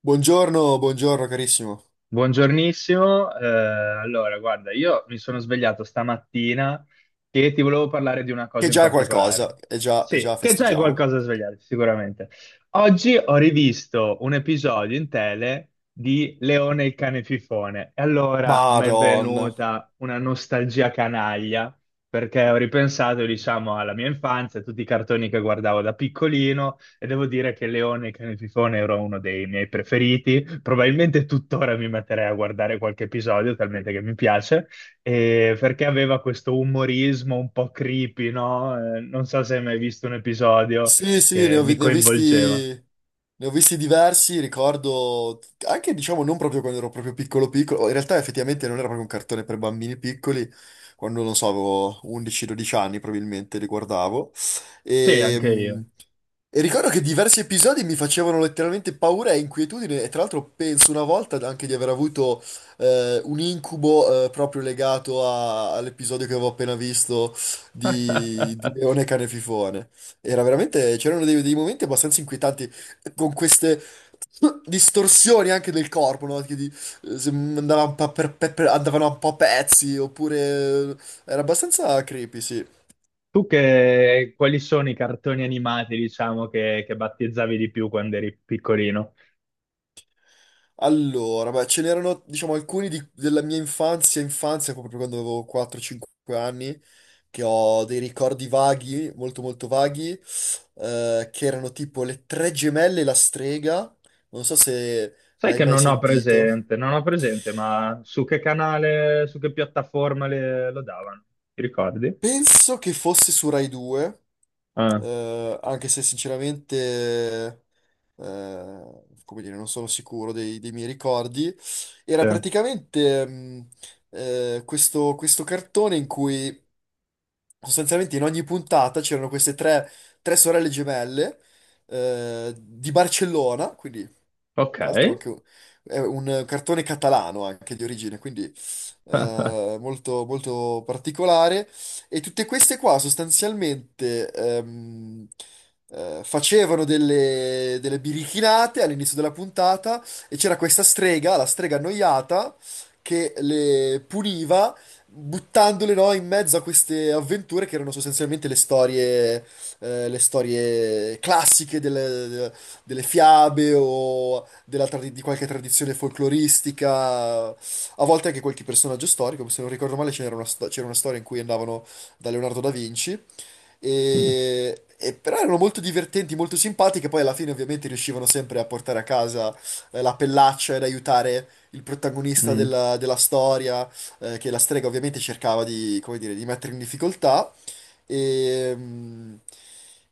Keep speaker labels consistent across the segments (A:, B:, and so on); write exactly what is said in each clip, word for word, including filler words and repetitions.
A: Buongiorno, buongiorno carissimo.
B: Buongiornissimo, eh, allora guarda, io mi sono svegliato stamattina e ti volevo parlare di una
A: Che
B: cosa in
A: già è qualcosa,
B: particolare.
A: e già, e
B: Sì,
A: già
B: che già è
A: festeggiamo.
B: qualcosa da svegliarti, sicuramente. Oggi ho rivisto un episodio in tele di Leone il cane fifone e allora mi è
A: Madonna.
B: venuta una nostalgia canaglia perché ho ripensato, diciamo, alla mia infanzia, a tutti i cartoni che guardavo da piccolino e devo dire che Leone e Cane Fifone era uno dei miei preferiti. Probabilmente tuttora mi metterei a guardare qualche episodio, talmente che mi piace, e perché aveva questo umorismo un po' creepy, no? Eh, non so se hai mai visto un episodio
A: Sì, sì, ne
B: che
A: ho, vi-
B: mi
A: ne ho visti,
B: coinvolgeva.
A: ne ho visti diversi, ricordo anche, diciamo, non proprio quando ero proprio piccolo piccolo, in realtà effettivamente non era proprio un cartone per bambini piccoli, quando, non so, avevo undici dodici anni probabilmente li guardavo,
B: Sì,
A: e,
B: anche
A: mm,
B: io.
A: e ricordo che diversi episodi mi facevano letteralmente paura e inquietudine, e tra l'altro penso una volta anche di aver avuto eh, un incubo eh, proprio legato a- all'episodio che avevo appena visto di, di Leone Cane e Fifone. Era veramente, c'erano dei, dei momenti abbastanza inquietanti con queste distorsioni anche del corpo, no? Che di- eh, se andava un po' per- per- per- andavano un po' a pezzi, oppure eh, era abbastanza creepy, sì.
B: Tu che, quali sono i cartoni animati, diciamo, che, che battezzavi di più quando eri piccolino?
A: Allora, beh, ce n'erano, diciamo, alcuni di- della mia infanzia, infanzia, proprio quando avevo quattro cinque anni, che ho dei ricordi vaghi, molto molto vaghi, eh, che erano tipo le tre gemelle e la strega, non so se
B: Sai
A: l'hai
B: che
A: mai
B: non ho
A: sentito.
B: presente, non ho presente, ma su che canale, su che piattaforma le- lo davano? Ti ricordi?
A: Penso che fosse su Rai due,
B: Ah,
A: eh, anche se sinceramente, eh, come dire, non sono sicuro dei, dei miei ricordi. Era
B: sì.
A: praticamente, mh, eh, Questo, questo cartone in cui sostanzialmente in ogni puntata c'erano queste tre, tre sorelle gemelle, eh, di Barcellona, quindi
B: Ok.
A: tra l'altro anche un- è un cartone catalano anche di origine, quindi eh, molto, molto particolare. E tutte queste qua sostanzialmente ehm, eh, facevano delle, delle birichinate all'inizio della puntata e c'era questa strega, la strega annoiata, che le puniva buttandole, no, in mezzo a queste avventure che erano sostanzialmente le storie, eh, le storie classiche delle, delle fiabe o della tradi- di qualche tradizione folcloristica, a volte anche qualche personaggio storico. Se non ricordo male c'era una, sto- c'era una storia in cui andavano da Leonardo da Vinci, e, e però erano molto divertenti, molto simpatiche. Poi alla fine ovviamente riuscivano sempre a portare a casa eh, la pellaccia ed aiutare il protagonista
B: Mm,
A: della, della storia, eh, che la strega ovviamente cercava di, come dire, di mettere in difficoltà. E, mm,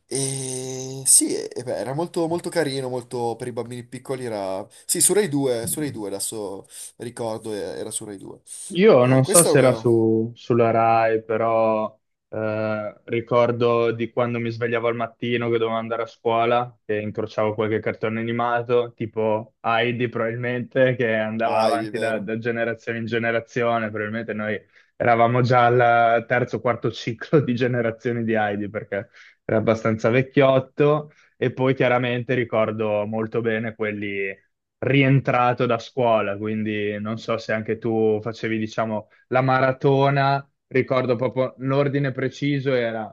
A: e sì, e- e beh, Era molto, molto carino, molto per i bambini piccoli era... Sì, su Rai due, su Rai
B: mm.
A: due adesso ricordo, eh, era su Rai due.
B: Io
A: Eh,
B: non so
A: questa è
B: se era
A: una...
B: su, sulla Rai, però eh, ricordo di quando mi svegliavo al mattino che dovevo andare a scuola e incrociavo qualche cartone animato, tipo Heidi probabilmente, che andava
A: Ah, è
B: avanti da,
A: vero.
B: da generazione in generazione. Probabilmente noi eravamo già al terzo o quarto ciclo di generazioni di Heidi, perché era abbastanza vecchiotto. E poi chiaramente ricordo molto bene quelli rientrato da scuola, quindi non so se anche tu facevi, diciamo, la maratona, ricordo proprio l'ordine preciso era,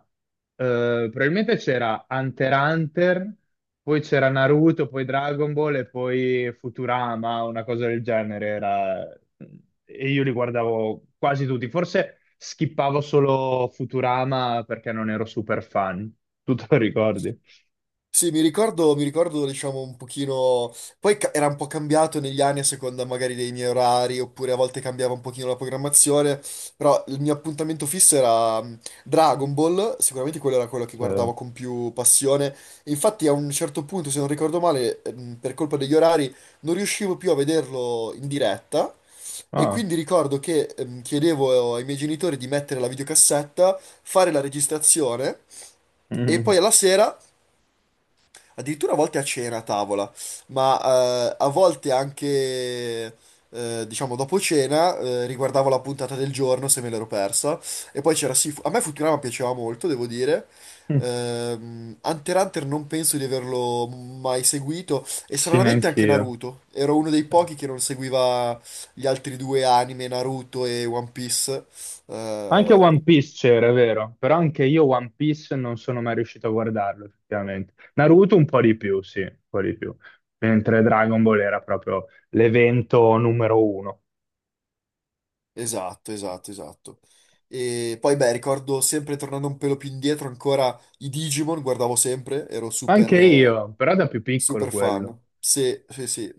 B: eh, probabilmente c'era Hunter x Hunter, poi c'era Naruto, poi Dragon Ball e poi Futurama, una cosa del genere era... E io li guardavo quasi tutti, forse skippavo solo Futurama perché non ero super fan. Tu te lo ricordi?
A: Sì, mi ricordo, mi ricordo, diciamo, un pochino... Poi ca- era un po' cambiato negli anni a seconda magari dei miei orari, oppure a volte cambiava un pochino la programmazione, però il mio appuntamento fisso era mh, Dragon Ball, sicuramente quello era quello che
B: Sì.
A: guardavo con più passione. E infatti a un certo punto, se non ricordo male, ehm, per colpa degli orari, non riuscivo più a vederlo in diretta, e
B: Ah.
A: quindi ricordo che ehm, chiedevo ai miei genitori di mettere la videocassetta, fare la registrazione... E
B: Mm.
A: poi alla sera addirittura a volte a cena a tavola, ma eh, a volte anche, eh, diciamo, dopo cena, eh, riguardavo la puntata del giorno se me l'ero persa. E poi c'era, sì, a me Futurama piaceva molto, devo dire. Ehm, Hunter x Hunter non penso di averlo mai seguito e
B: Sì,
A: stranamente anche
B: neanch'io.
A: Naruto. Ero uno dei
B: Sì.
A: pochi che non seguiva gli altri due anime, Naruto e One Piece.
B: Anche
A: Eh,
B: One Piece c'era, è vero, però anche io One Piece non sono mai riuscito a guardarlo, effettivamente. Naruto un po' di più, sì, un po' di più. Mentre Dragon Ball era proprio l'evento numero uno.
A: Esatto, esatto, esatto. E poi, beh, ricordo sempre tornando un pelo più indietro ancora i Digimon, guardavo sempre, ero super,
B: Anche
A: eh,
B: io, però da più piccolo
A: super
B: quello.
A: fan. Sì, sì, sì.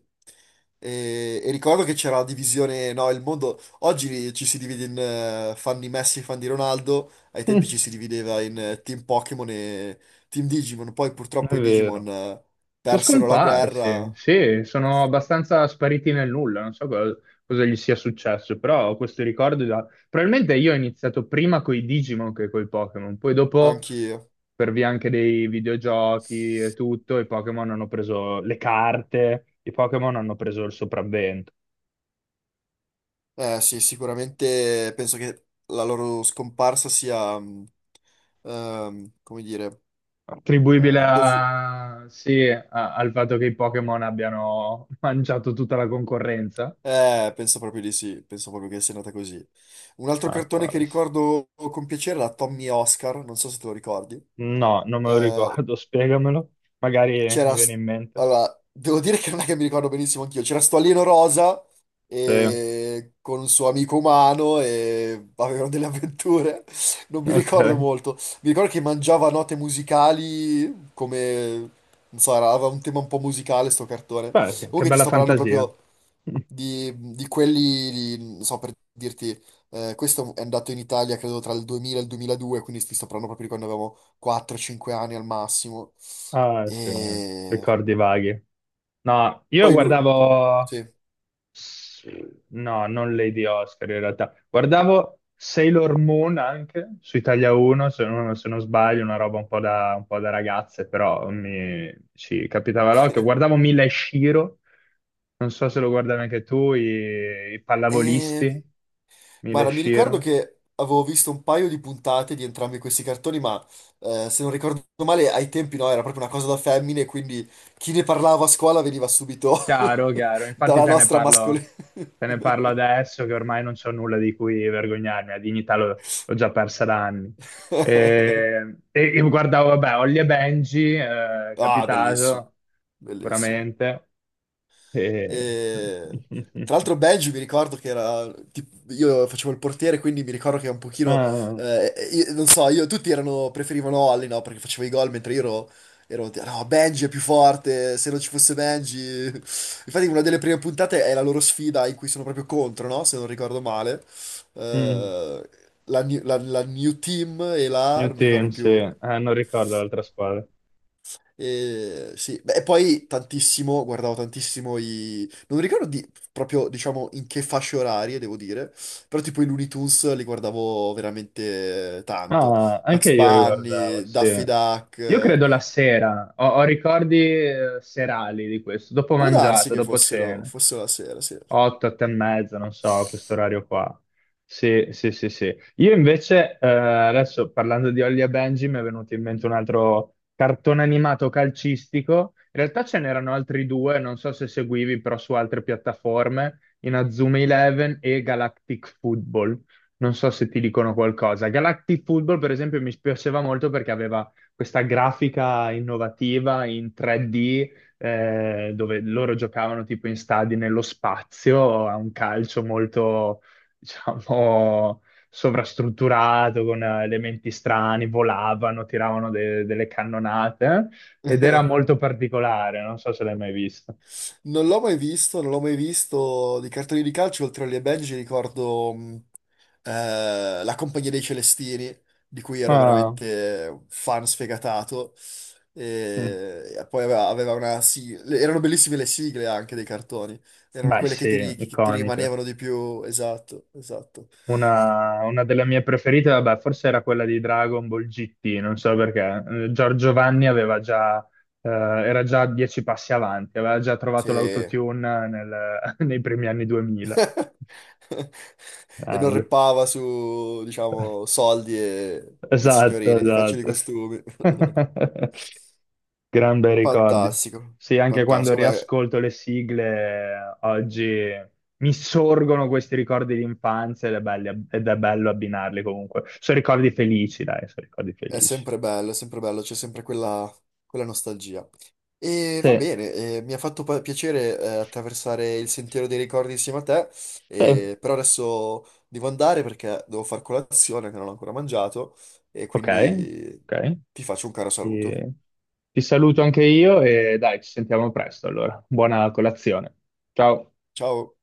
A: E, e ricordo che c'era la divisione, no, il mondo... Oggi ci si divide in eh, fan di Messi e fan di Ronaldo, ai tempi ci si divideva in eh, Team Pokémon e Team Digimon, poi
B: È
A: purtroppo i Digimon
B: vero.
A: eh,
B: Sono
A: persero la
B: scomparsi,
A: guerra,
B: sì, sono abbastanza spariti nel nulla, non so co- cosa, gli sia successo, però ho questo ricordo da... Probabilmente io ho iniziato prima coi Digimon che coi Pokémon, poi dopo
A: anch'io.
B: per via anche dei videogiochi e tutto, i Pokémon hanno preso le carte, i Pokémon hanno preso il sopravvento.
A: Eh sì, sicuramente penso che la loro scomparsa sia, mh, ehm, come dire,
B: Attribuibile
A: eh, dovu-
B: a- sì, a- al fatto che i Pokémon abbiano mangiato tutta la concorrenza?
A: Eh, penso proprio di sì, penso proprio che sia nata così. Un altro
B: Ah, può
A: cartone che
B: essere.
A: ricordo con piacere era Tommy e Oscar, non so se te lo ricordi.
B: No, non me lo
A: Eh,
B: ricordo, spiegamelo. Magari mi
A: c'era...
B: viene
A: st-
B: in mente.
A: Allora, devo dire che non è che mi ricordo benissimo anch'io. C'era sto alieno rosa
B: Sì,
A: e... con un suo amico umano e avevano delle avventure. Non mi
B: ok.
A: ricordo molto. Mi ricordo che mangiava note musicali come... Non so, era- aveva un tema un po' musicale sto cartone.
B: Beh, che che
A: Comunque ti
B: bella
A: sto parlando
B: fantasia.
A: proprio di, di quelli, di- non so per dirti, eh, questo è andato in Italia credo tra il duemila e il duemiladue, quindi ti sto parlando proprio di quando avevamo quattro cinque anni al massimo.
B: Ah, sì,
A: E
B: ricordi vaghi. No, io
A: poi lui,
B: guardavo.
A: sì.
B: Sì. No, non Lady Oscar in realtà. Guardavo Sailor Moon anche su Italia uno, se non, se non sbaglio, una roba un po' da, un po' da ragazze, però mi ci capitava l'occhio. Guardavo Mila e Shiro, non so se lo guardavi anche tu, i, i
A: E...
B: pallavolisti, Mila e
A: Guarda, mi ricordo
B: Shiro.
A: che avevo visto un paio di puntate di entrambi questi cartoni, ma eh, se non ricordo male, ai tempi no, era proprio una cosa da femmine, quindi chi ne parlava a scuola veniva subito
B: Chiaro, chiaro. Infatti
A: dalla
B: te ne
A: nostra mascolina.
B: parlo, te ne parlo adesso che ormai non c'ho nulla di cui vergognarmi, la dignità l'ho l'ho già persa da anni. E, e- e guardavo, vabbè, Holly e Benji, eh,
A: Ah, bellissimo,
B: capitato,
A: bellissimo.
B: sicuramente. E...
A: E- Tra l'altro Belgi mi ricordo che era, tipo, io facevo il portiere, quindi mi ricordo che un pochino,
B: Ah,
A: eh, io- non so, io, tutti erano, preferivano Olli, no, perché facevo i gol, mentre io ero, ero, no, Benji è più forte, se non ci fosse Benji... Infatti una delle prime puntate è la loro sfida in cui sono proprio contro, no, se non ricordo male,
B: mm,
A: Eh, la, new la- la New Team e la,
B: New
A: non mi
B: Team,
A: ricordo
B: sì.
A: più,
B: Ah, non ricordo l'altra squadra.
A: e, sì, beh, e poi tantissimo, guardavo tantissimo i... Non ricordo di- proprio, diciamo, in che fasce orarie, devo dire, però tipo i Looney Tunes li guardavo veramente tanto.
B: Ah, anche
A: Max
B: io li guardavo,
A: Bunny,
B: sì.
A: Daffy Duck,
B: Io
A: eh,
B: credo la sera, ho, ho ricordi eh, serali di questo, dopo
A: può darsi
B: mangiato,
A: che
B: dopo
A: fossero,
B: cena.
A: fossero la sera, sì.
B: otto, otto e mezza, non so, questo orario qua. Sì, sì, sì, sì. Io invece, eh, adesso parlando di Holly e Benji, mi è venuto in mente un altro cartone animato calcistico. In realtà ce n'erano altri due, non so se seguivi, però su altre piattaforme, Inazuma Eleven e Galactic Football. Non so se ti dicono qualcosa. Galactic Football, per esempio, mi piaceva molto perché aveva questa grafica innovativa in tre D eh, dove loro giocavano tipo in stadi nello spazio, a un calcio molto, diciamo, sovrastrutturato, con eh, elementi strani, volavano, tiravano de- delle cannonate ed era molto particolare, non so se l'hai mai visto.
A: Non l'ho mai visto, non l'ho mai visto di cartoni di calcio, oltre alle Benji ricordo... mm, eh, La Compagnia dei Celestini, di cui ero
B: Ma,
A: veramente un fan sfegatato.
B: mm,
A: E e poi aveva, aveva una sigla. Erano bellissime le sigle anche dei cartoni. Erano
B: beh,
A: quelle che
B: sì,
A: ti, ri- che ti
B: iconiche.
A: rimanevano di più. Esatto, esatto.
B: Una, una delle mie preferite, vabbè, forse era quella di Dragon Ball G T, non so perché. Eh, Giorgio Vanni aveva già, eh, era già dieci passi avanti, aveva già trovato
A: Sì.
B: l'autotune nel- nei primi anni duemila.
A: E non
B: Grande.
A: reppava su, diciamo, soldi e, e
B: Esatto,
A: signorine di facili
B: esatto.
A: costumi.
B: Gran bei ricordi.
A: Fantastico,
B: Sì, anche quando
A: fantastico. Beh,
B: riascolto le sigle eh, oggi mi sorgono questi ricordi di infanzia ed è belli- ed è bello abbinarli comunque. Sono ricordi felici, dai, sono ricordi
A: è
B: felici.
A: sempre bello, è sempre bello, c'è sempre quella, quella nostalgia. E va
B: Sì,
A: bene, eh, mi ha fatto pa- piacere eh, attraversare il sentiero dei ricordi insieme a te,
B: sì.
A: eh, però adesso devo andare perché devo far colazione che non ho ancora mangiato e
B: Ok,
A: quindi
B: ok.
A: ti faccio un caro
B: Ti,
A: saluto.
B: ti saluto anche io e dai, ci sentiamo presto allora. Buona colazione. Ciao.
A: Ciao!